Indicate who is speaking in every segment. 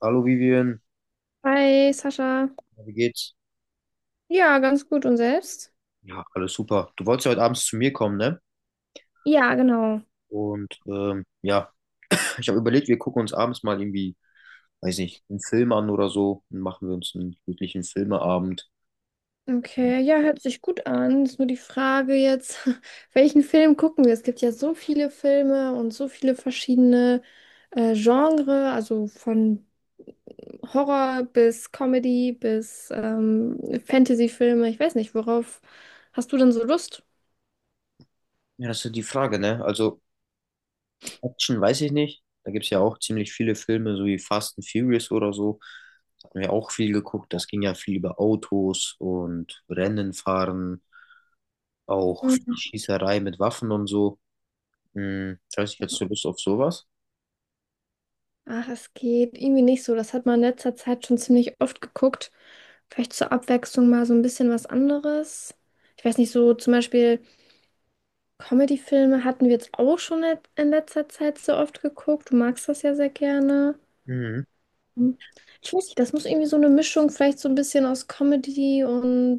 Speaker 1: Hallo Vivian,
Speaker 2: Hi, Sascha.
Speaker 1: ja, wie geht's?
Speaker 2: Ja, ganz gut. Und selbst?
Speaker 1: Ja, alles super. Du wolltest ja heute abends zu mir kommen, ne?
Speaker 2: Ja, genau.
Speaker 1: Und ja, ich habe überlegt, wir gucken uns abends mal irgendwie, weiß nicht, einen Film an oder so und machen wir uns einen glücklichen Filmeabend.
Speaker 2: Okay, ja, hört sich gut an. Ist nur die Frage jetzt, welchen Film gucken wir? Es gibt ja so viele Filme und so viele verschiedene Genre, also von Horror bis Comedy bis Fantasy-Filme. Ich weiß nicht, worauf hast du denn so Lust?
Speaker 1: Ja, das ist ja die Frage, ne? Also Action weiß ich nicht. Da gibt's ja auch ziemlich viele Filme, so wie Fast and Furious oder so. Da hatten wir auch viel geguckt. Das ging ja viel über Autos und Rennen fahren, auch Schießerei mit Waffen und so. Hm, ich weiß nicht, hättest du Lust auf sowas?
Speaker 2: Ach, es geht irgendwie nicht so. Das hat man in letzter Zeit schon ziemlich oft geguckt. Vielleicht zur Abwechslung mal so ein bisschen was anderes. Ich weiß nicht, so zum Beispiel Comedy-Filme hatten wir jetzt auch schon in letzter Zeit so oft geguckt. Du magst das ja sehr gerne.
Speaker 1: Mhm.
Speaker 2: Hm. Ich weiß nicht, das muss irgendwie so eine Mischung, vielleicht so ein bisschen aus Comedy und ein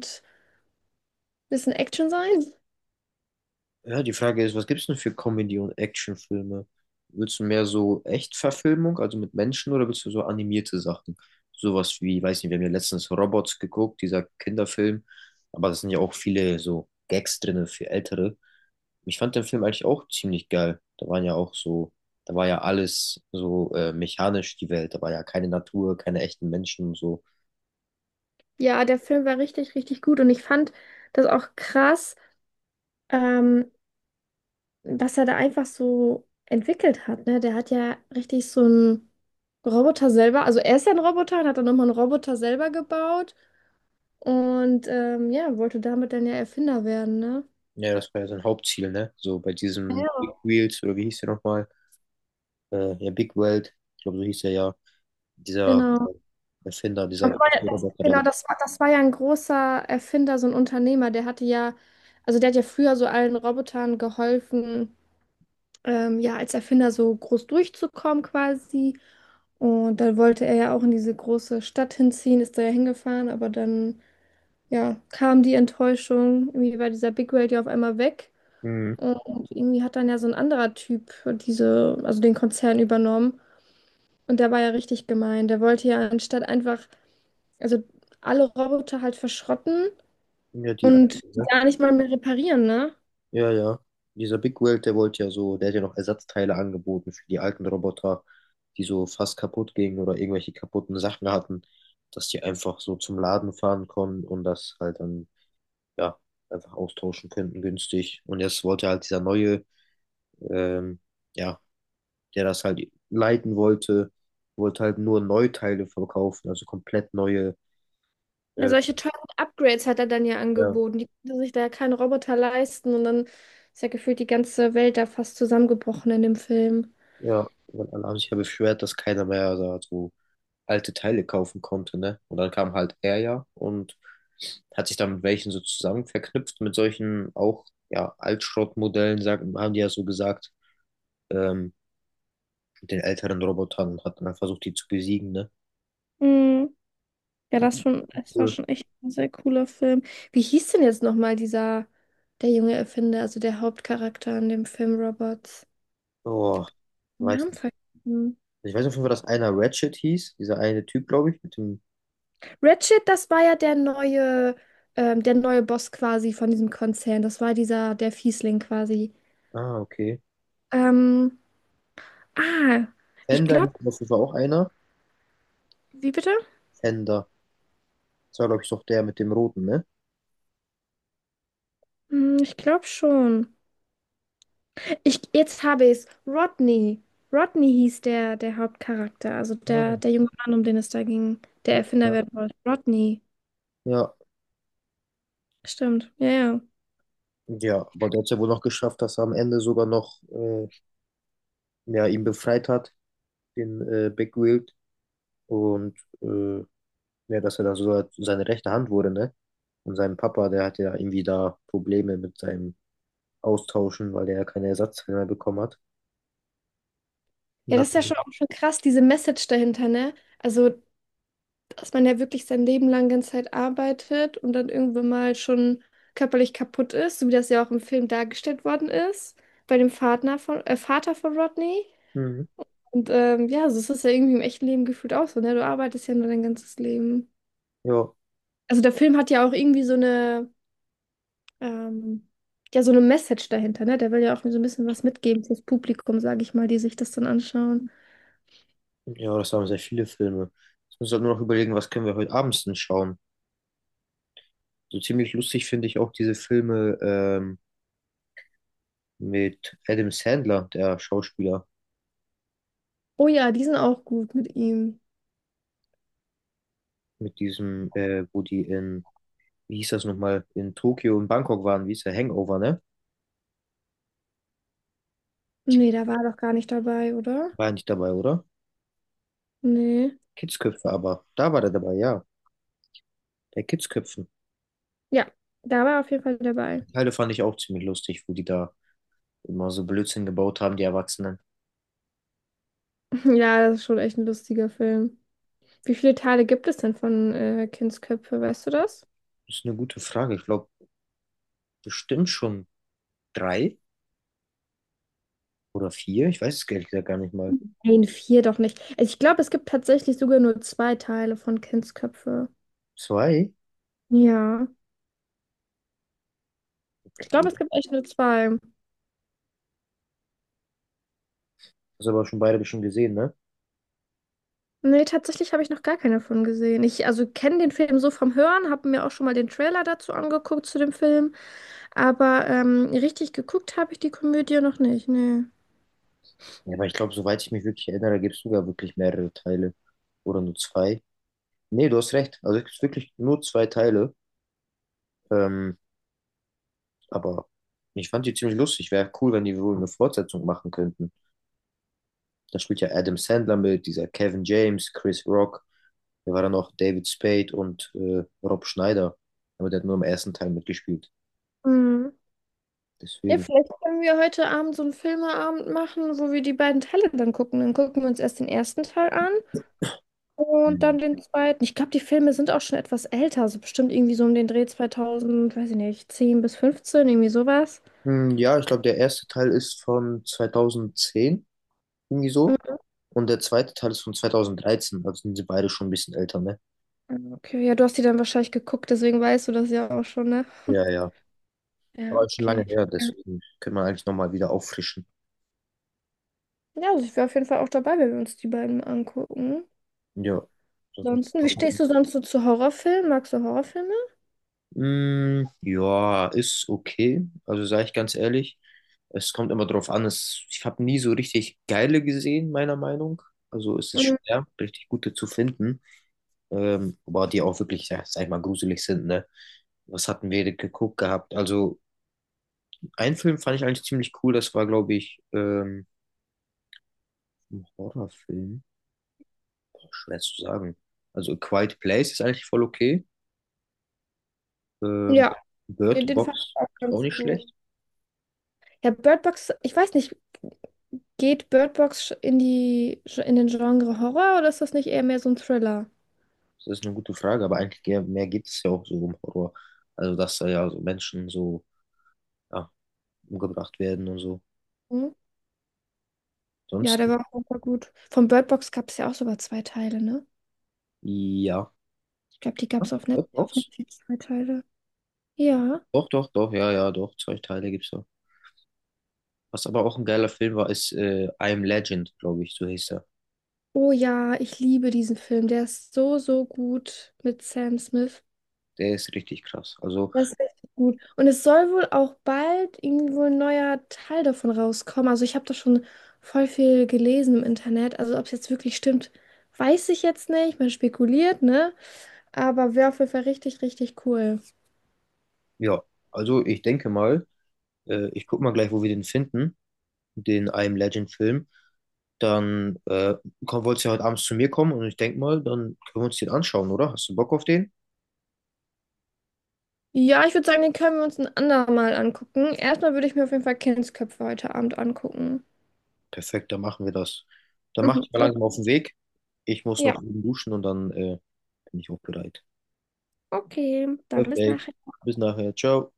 Speaker 2: bisschen Action sein.
Speaker 1: Ja, die Frage ist, was gibt's denn für Comedy- und Actionfilme? Willst du mehr so Echtverfilmung, also mit Menschen, oder willst du so animierte Sachen? Sowas wie, weiß nicht, wir haben ja letztens Robots geguckt, dieser Kinderfilm, aber da sind ja auch viele so Gags drin für Ältere. Ich fand den Film eigentlich auch ziemlich geil. Da waren ja auch so, da war ja alles so mechanisch, die Welt. Da war ja keine Natur, keine echten Menschen und so.
Speaker 2: Ja, der Film war richtig, richtig gut und ich fand das auch krass. Ähm, was er da einfach so entwickelt hat, ne? Der hat ja richtig so einen Roboter selber, also er ist ja ein Roboter und hat dann nochmal einen Roboter selber gebaut und ja, wollte damit dann ja Erfinder werden, ne?
Speaker 1: Ja, das war ja sein Hauptziel, ne? So bei diesem
Speaker 2: Ja.
Speaker 1: Big Wheels, oder wie hieß der nochmal? Ja, Big World, ich glaube, so hieß er ja. Dieser
Speaker 2: Genau.
Speaker 1: Erfinder, dieser
Speaker 2: Das war ja,
Speaker 1: große
Speaker 2: das,
Speaker 1: Roboter, der.
Speaker 2: genau, das war ja ein großer Erfinder, so ein Unternehmer, der hatte ja, also der hat ja früher so allen Robotern geholfen, ja, als Erfinder so groß durchzukommen quasi. Und dann wollte er ja auch in diese große Stadt hinziehen, ist da ja hingefahren, aber dann ja, kam die Enttäuschung. Irgendwie war dieser Big Whale ja auf einmal weg.
Speaker 1: Mhm.
Speaker 2: Und irgendwie hat dann ja so ein anderer Typ diese, also den Konzern übernommen. Und der war ja richtig gemein. Der wollte ja anstatt einfach, also alle Roboter halt verschrotten
Speaker 1: Ja, die
Speaker 2: und
Speaker 1: alte, ne?
Speaker 2: gar nicht mal mehr reparieren, ne?
Speaker 1: Ja, ja. Dieser Big World, der wollte ja so, der hat ja noch Ersatzteile angeboten für die alten Roboter, die so fast kaputt gingen oder irgendwelche kaputten Sachen hatten, dass die einfach so zum Laden fahren konnten und das halt dann, ja, einfach austauschen könnten, günstig. Und jetzt wollte halt dieser neue, ähm, ja, der das halt leiten wollte, wollte halt nur Neuteile verkaufen, also komplett neue,
Speaker 2: Ja,
Speaker 1: äh,
Speaker 2: solche teuren Upgrades hat er dann ja
Speaker 1: ja.
Speaker 2: angeboten. Die konnten sich da ja keinen Roboter leisten. Und dann ist ja gefühlt die ganze Welt da fast zusammengebrochen in dem Film.
Speaker 1: Ja, weil alle haben sich ja beschwert, dass keiner mehr da so also alte Teile kaufen konnte, ne? Und dann kam halt er ja und hat sich dann mit welchen so zusammen verknüpft, mit solchen auch, ja, Altschrottmodellen, sagen, haben die ja so gesagt, ähm, mit den älteren Robotern und hat dann halt versucht, die zu besiegen, ne?
Speaker 2: Mm. Ja, das schon, es war
Speaker 1: Cool.
Speaker 2: schon echt ein sehr cooler Film. Wie hieß denn jetzt nochmal dieser, der junge Erfinder, also der Hauptcharakter in dem Film Robots?
Speaker 1: Oh, ich
Speaker 2: Den
Speaker 1: weiß
Speaker 2: Namen
Speaker 1: nicht.
Speaker 2: vergessen.
Speaker 1: Ich weiß auf jeden Fall, dass einer Ratchet hieß, dieser eine Typ, glaube ich, mit dem,
Speaker 2: Ratchet, das war ja der neue, der neue Boss quasi von diesem Konzern. Das war dieser, der Fiesling quasi.
Speaker 1: ah, okay.
Speaker 2: Ähm, ah, ich
Speaker 1: Fender hieß
Speaker 2: glaube,
Speaker 1: auf jeden Fall auch einer.
Speaker 2: wie bitte?
Speaker 1: Fender. Das war, glaube ich, doch der mit dem Roten, ne?
Speaker 2: Hm, ich glaube schon. Ich, jetzt habe ich es. Rodney. Rodney hieß der, der Hauptcharakter, also
Speaker 1: Ah,
Speaker 2: der, der junge Mann, um den es da ging, der Erfinder
Speaker 1: ja.
Speaker 2: werden wollte. Rodney.
Speaker 1: Ja,
Speaker 2: Stimmt, ja, ja.
Speaker 1: ja, aber der hat es ja wohl noch geschafft, dass er am Ende sogar noch ja, ihn befreit hat, den Big Wild. Und äh, ja, dass er dann sogar seine rechte Hand wurde, ne? Und sein Papa, der hatte ja irgendwie da Probleme mit seinem Austauschen, weil der ja keine Ersatzteile mehr bekommen hat. Und
Speaker 2: Ja, das
Speaker 1: hat.
Speaker 2: ist ja schon auch schon krass, diese Message dahinter, ne? Also, dass man ja wirklich sein Leben lang ganze Zeit arbeitet und dann irgendwann mal schon körperlich kaputt ist, so wie das ja auch im Film dargestellt worden ist, bei dem Vater von Rodney.
Speaker 1: Mhm.
Speaker 2: Und ja, so ist es ja irgendwie im echten Leben gefühlt auch so, ne? Du arbeitest ja nur dein ganzes Leben.
Speaker 1: Ja,
Speaker 2: Also der Film hat ja auch irgendwie so eine, ähm, ja, so eine Message dahinter, ne? Der will ja auch so ein bisschen was mitgeben fürs Publikum, sage ich mal, die sich das dann anschauen.
Speaker 1: ja, das haben sehr viele Filme. Jetzt müssen wir nur noch überlegen, was können wir heute abends denn schauen. So ziemlich lustig finde ich auch diese Filme mit Adam Sandler, der Schauspieler.
Speaker 2: Oh ja, die sind auch gut mit ihm.
Speaker 1: Mit diesem, wo die in, wie hieß das nochmal, in Tokio und Bangkok waren, wie hieß der Hangover, ne?
Speaker 2: Nee, da war er doch gar nicht dabei, oder?
Speaker 1: War er nicht dabei, oder?
Speaker 2: Nee.
Speaker 1: Kidsköpfe aber. Da war der dabei, ja. Bei Kidsköpfen.
Speaker 2: Ja, da war er auf jeden Fall dabei.
Speaker 1: Die Teile fand ich auch ziemlich lustig, wo die da immer so Blödsinn gebaut haben, die Erwachsenen.
Speaker 2: Ja, das ist schon echt ein lustiger Film. Wie viele Teile gibt es denn von Kindsköpfe, weißt du das?
Speaker 1: Das ist eine gute Frage. Ich glaube, bestimmt schon drei oder vier. Ich weiß es ehrlich gesagt gar nicht mal.
Speaker 2: Nein, vier doch nicht. Also ich glaube, es gibt tatsächlich sogar nur zwei Teile von Kindsköpfe.
Speaker 1: Zwei?
Speaker 2: Ja, ich glaube,
Speaker 1: Okay.
Speaker 2: es gibt echt nur zwei.
Speaker 1: Hast aber schon beide schon gesehen, ne?
Speaker 2: Nee, tatsächlich habe ich noch gar keine von gesehen. Ich also kenne den Film so vom Hören, habe mir auch schon mal den Trailer dazu angeguckt zu dem Film. Aber richtig geguckt habe ich die Komödie noch nicht, nee.
Speaker 1: Ja, aber ich glaube, soweit ich mich wirklich erinnere, gibt es sogar wirklich mehrere Teile. Oder nur zwei. Nee, du hast recht. Also es gibt wirklich nur zwei Teile. Ähm, aber ich fand die ziemlich lustig. Wäre cool, wenn die wohl eine Fortsetzung machen könnten. Da spielt ja Adam Sandler mit, dieser Kevin James, Chris Rock. Da war dann noch David Spade und Rob Schneider. Aber der hat nur im ersten Teil mitgespielt.
Speaker 2: Hm. Ja,
Speaker 1: Deswegen.
Speaker 2: vielleicht können wir heute Abend so einen Filmeabend machen, wo wir die beiden Teile dann gucken. Dann gucken wir uns erst den ersten Teil an und
Speaker 1: ähm,
Speaker 2: dann den zweiten. Ich glaube, die Filme sind auch schon etwas älter, so bestimmt irgendwie so um den Dreh 2000, weiß ich nicht, 10 bis 15 irgendwie sowas.
Speaker 1: Ja, ich glaube, der erste Teil ist von 2010 irgendwie so. Und der zweite Teil ist von 2013. Also sind sie beide schon ein bisschen älter, ne?
Speaker 2: Mhm. Okay, ja, du hast die dann wahrscheinlich geguckt, deswegen weißt du das ja auch schon, ne?
Speaker 1: Ja, ja.
Speaker 2: Ja,
Speaker 1: Aber schon lange
Speaker 2: okay.
Speaker 1: her, deswegen können wir eigentlich nochmal wieder auffrischen.
Speaker 2: Ja, also ich wäre auf jeden Fall auch dabei, wenn wir uns die beiden angucken.
Speaker 1: Ja. Das müssen
Speaker 2: Ansonsten,
Speaker 1: wir
Speaker 2: wie stehst
Speaker 1: machen.
Speaker 2: du sonst so zu Horrorfilmen? Magst du Horrorfilme?
Speaker 1: Ja, ist okay. Also sage ich ganz ehrlich, es, kommt immer drauf an. Ich habe nie so richtig geile gesehen, meiner Meinung. Also ist es
Speaker 2: Mm,
Speaker 1: schwer, richtig gute zu finden. Aber die auch wirklich, ja, sag ich mal, gruselig sind, ne? Was hatten wir denn geguckt gehabt? Also, einen Film fand ich eigentlich ziemlich cool. Das war, glaube ich, ein Horrorfilm. Boah, schwer zu sagen. Also, A Quiet Place ist eigentlich voll okay. Ähm,
Speaker 2: Ja, den,
Speaker 1: Bird
Speaker 2: den fand
Speaker 1: Box
Speaker 2: ich auch
Speaker 1: ist auch
Speaker 2: ganz
Speaker 1: nicht
Speaker 2: gut.
Speaker 1: schlecht.
Speaker 2: Ja, Bird Box, ich weiß nicht, geht Bird Box in die, in den Genre Horror oder ist das nicht eher mehr so ein Thriller?
Speaker 1: Das ist eine gute Frage, aber eigentlich mehr geht es ja auch so um Horror. Also, dass da ja so Menschen so ja, umgebracht werden und so.
Speaker 2: Hm? Ja,
Speaker 1: Sonst,
Speaker 2: der war auch super gut. Von Bird Box gab es ja auch sogar zwei Teile, ne?
Speaker 1: ja.
Speaker 2: Ich glaube, die gab es auf
Speaker 1: Ja,
Speaker 2: Net
Speaker 1: doch,
Speaker 2: auf Netflix zwei Teile. Ja.
Speaker 1: doch, doch, doch, ja, ja, doch, zwei Teile gibt's da. Was aber auch ein geiler Film war, ist I Am Legend, glaube ich, so hieß er.
Speaker 2: Oh ja, ich liebe diesen Film. Der ist so, so gut mit Sam Smith.
Speaker 1: Der ist richtig krass. Also,
Speaker 2: Das ist richtig gut. Und es soll wohl auch bald irgendwo ein neuer Teil davon rauskommen. Also ich habe da schon voll viel gelesen im Internet. Also ob es jetzt wirklich stimmt, weiß ich jetzt nicht. Man spekuliert, ne? Aber wäre auf jeden Fall richtig, richtig cool.
Speaker 1: ja, also ich denke mal, ich guck mal gleich, wo wir den finden, den I Am Legend Film. Dann komm, wolltest du ja heute abends zu mir kommen und ich denke mal, dann können wir uns den anschauen, oder? Hast du Bock auf den?
Speaker 2: Ja, ich würde sagen, den können wir uns ein andermal angucken. Erstmal würde ich mir auf jeden Fall Kindsköpfe heute Abend angucken.
Speaker 1: Perfekt, dann machen wir das. Dann mach
Speaker 2: Mhm.
Speaker 1: dich mal langsam
Speaker 2: Okay.
Speaker 1: auf den Weg. Ich muss
Speaker 2: Ja,
Speaker 1: noch eben duschen und dann bin ich auch bereit.
Speaker 2: okay. Dann bis
Speaker 1: Perfekt.
Speaker 2: nachher.
Speaker 1: Bis nachher. Ciao.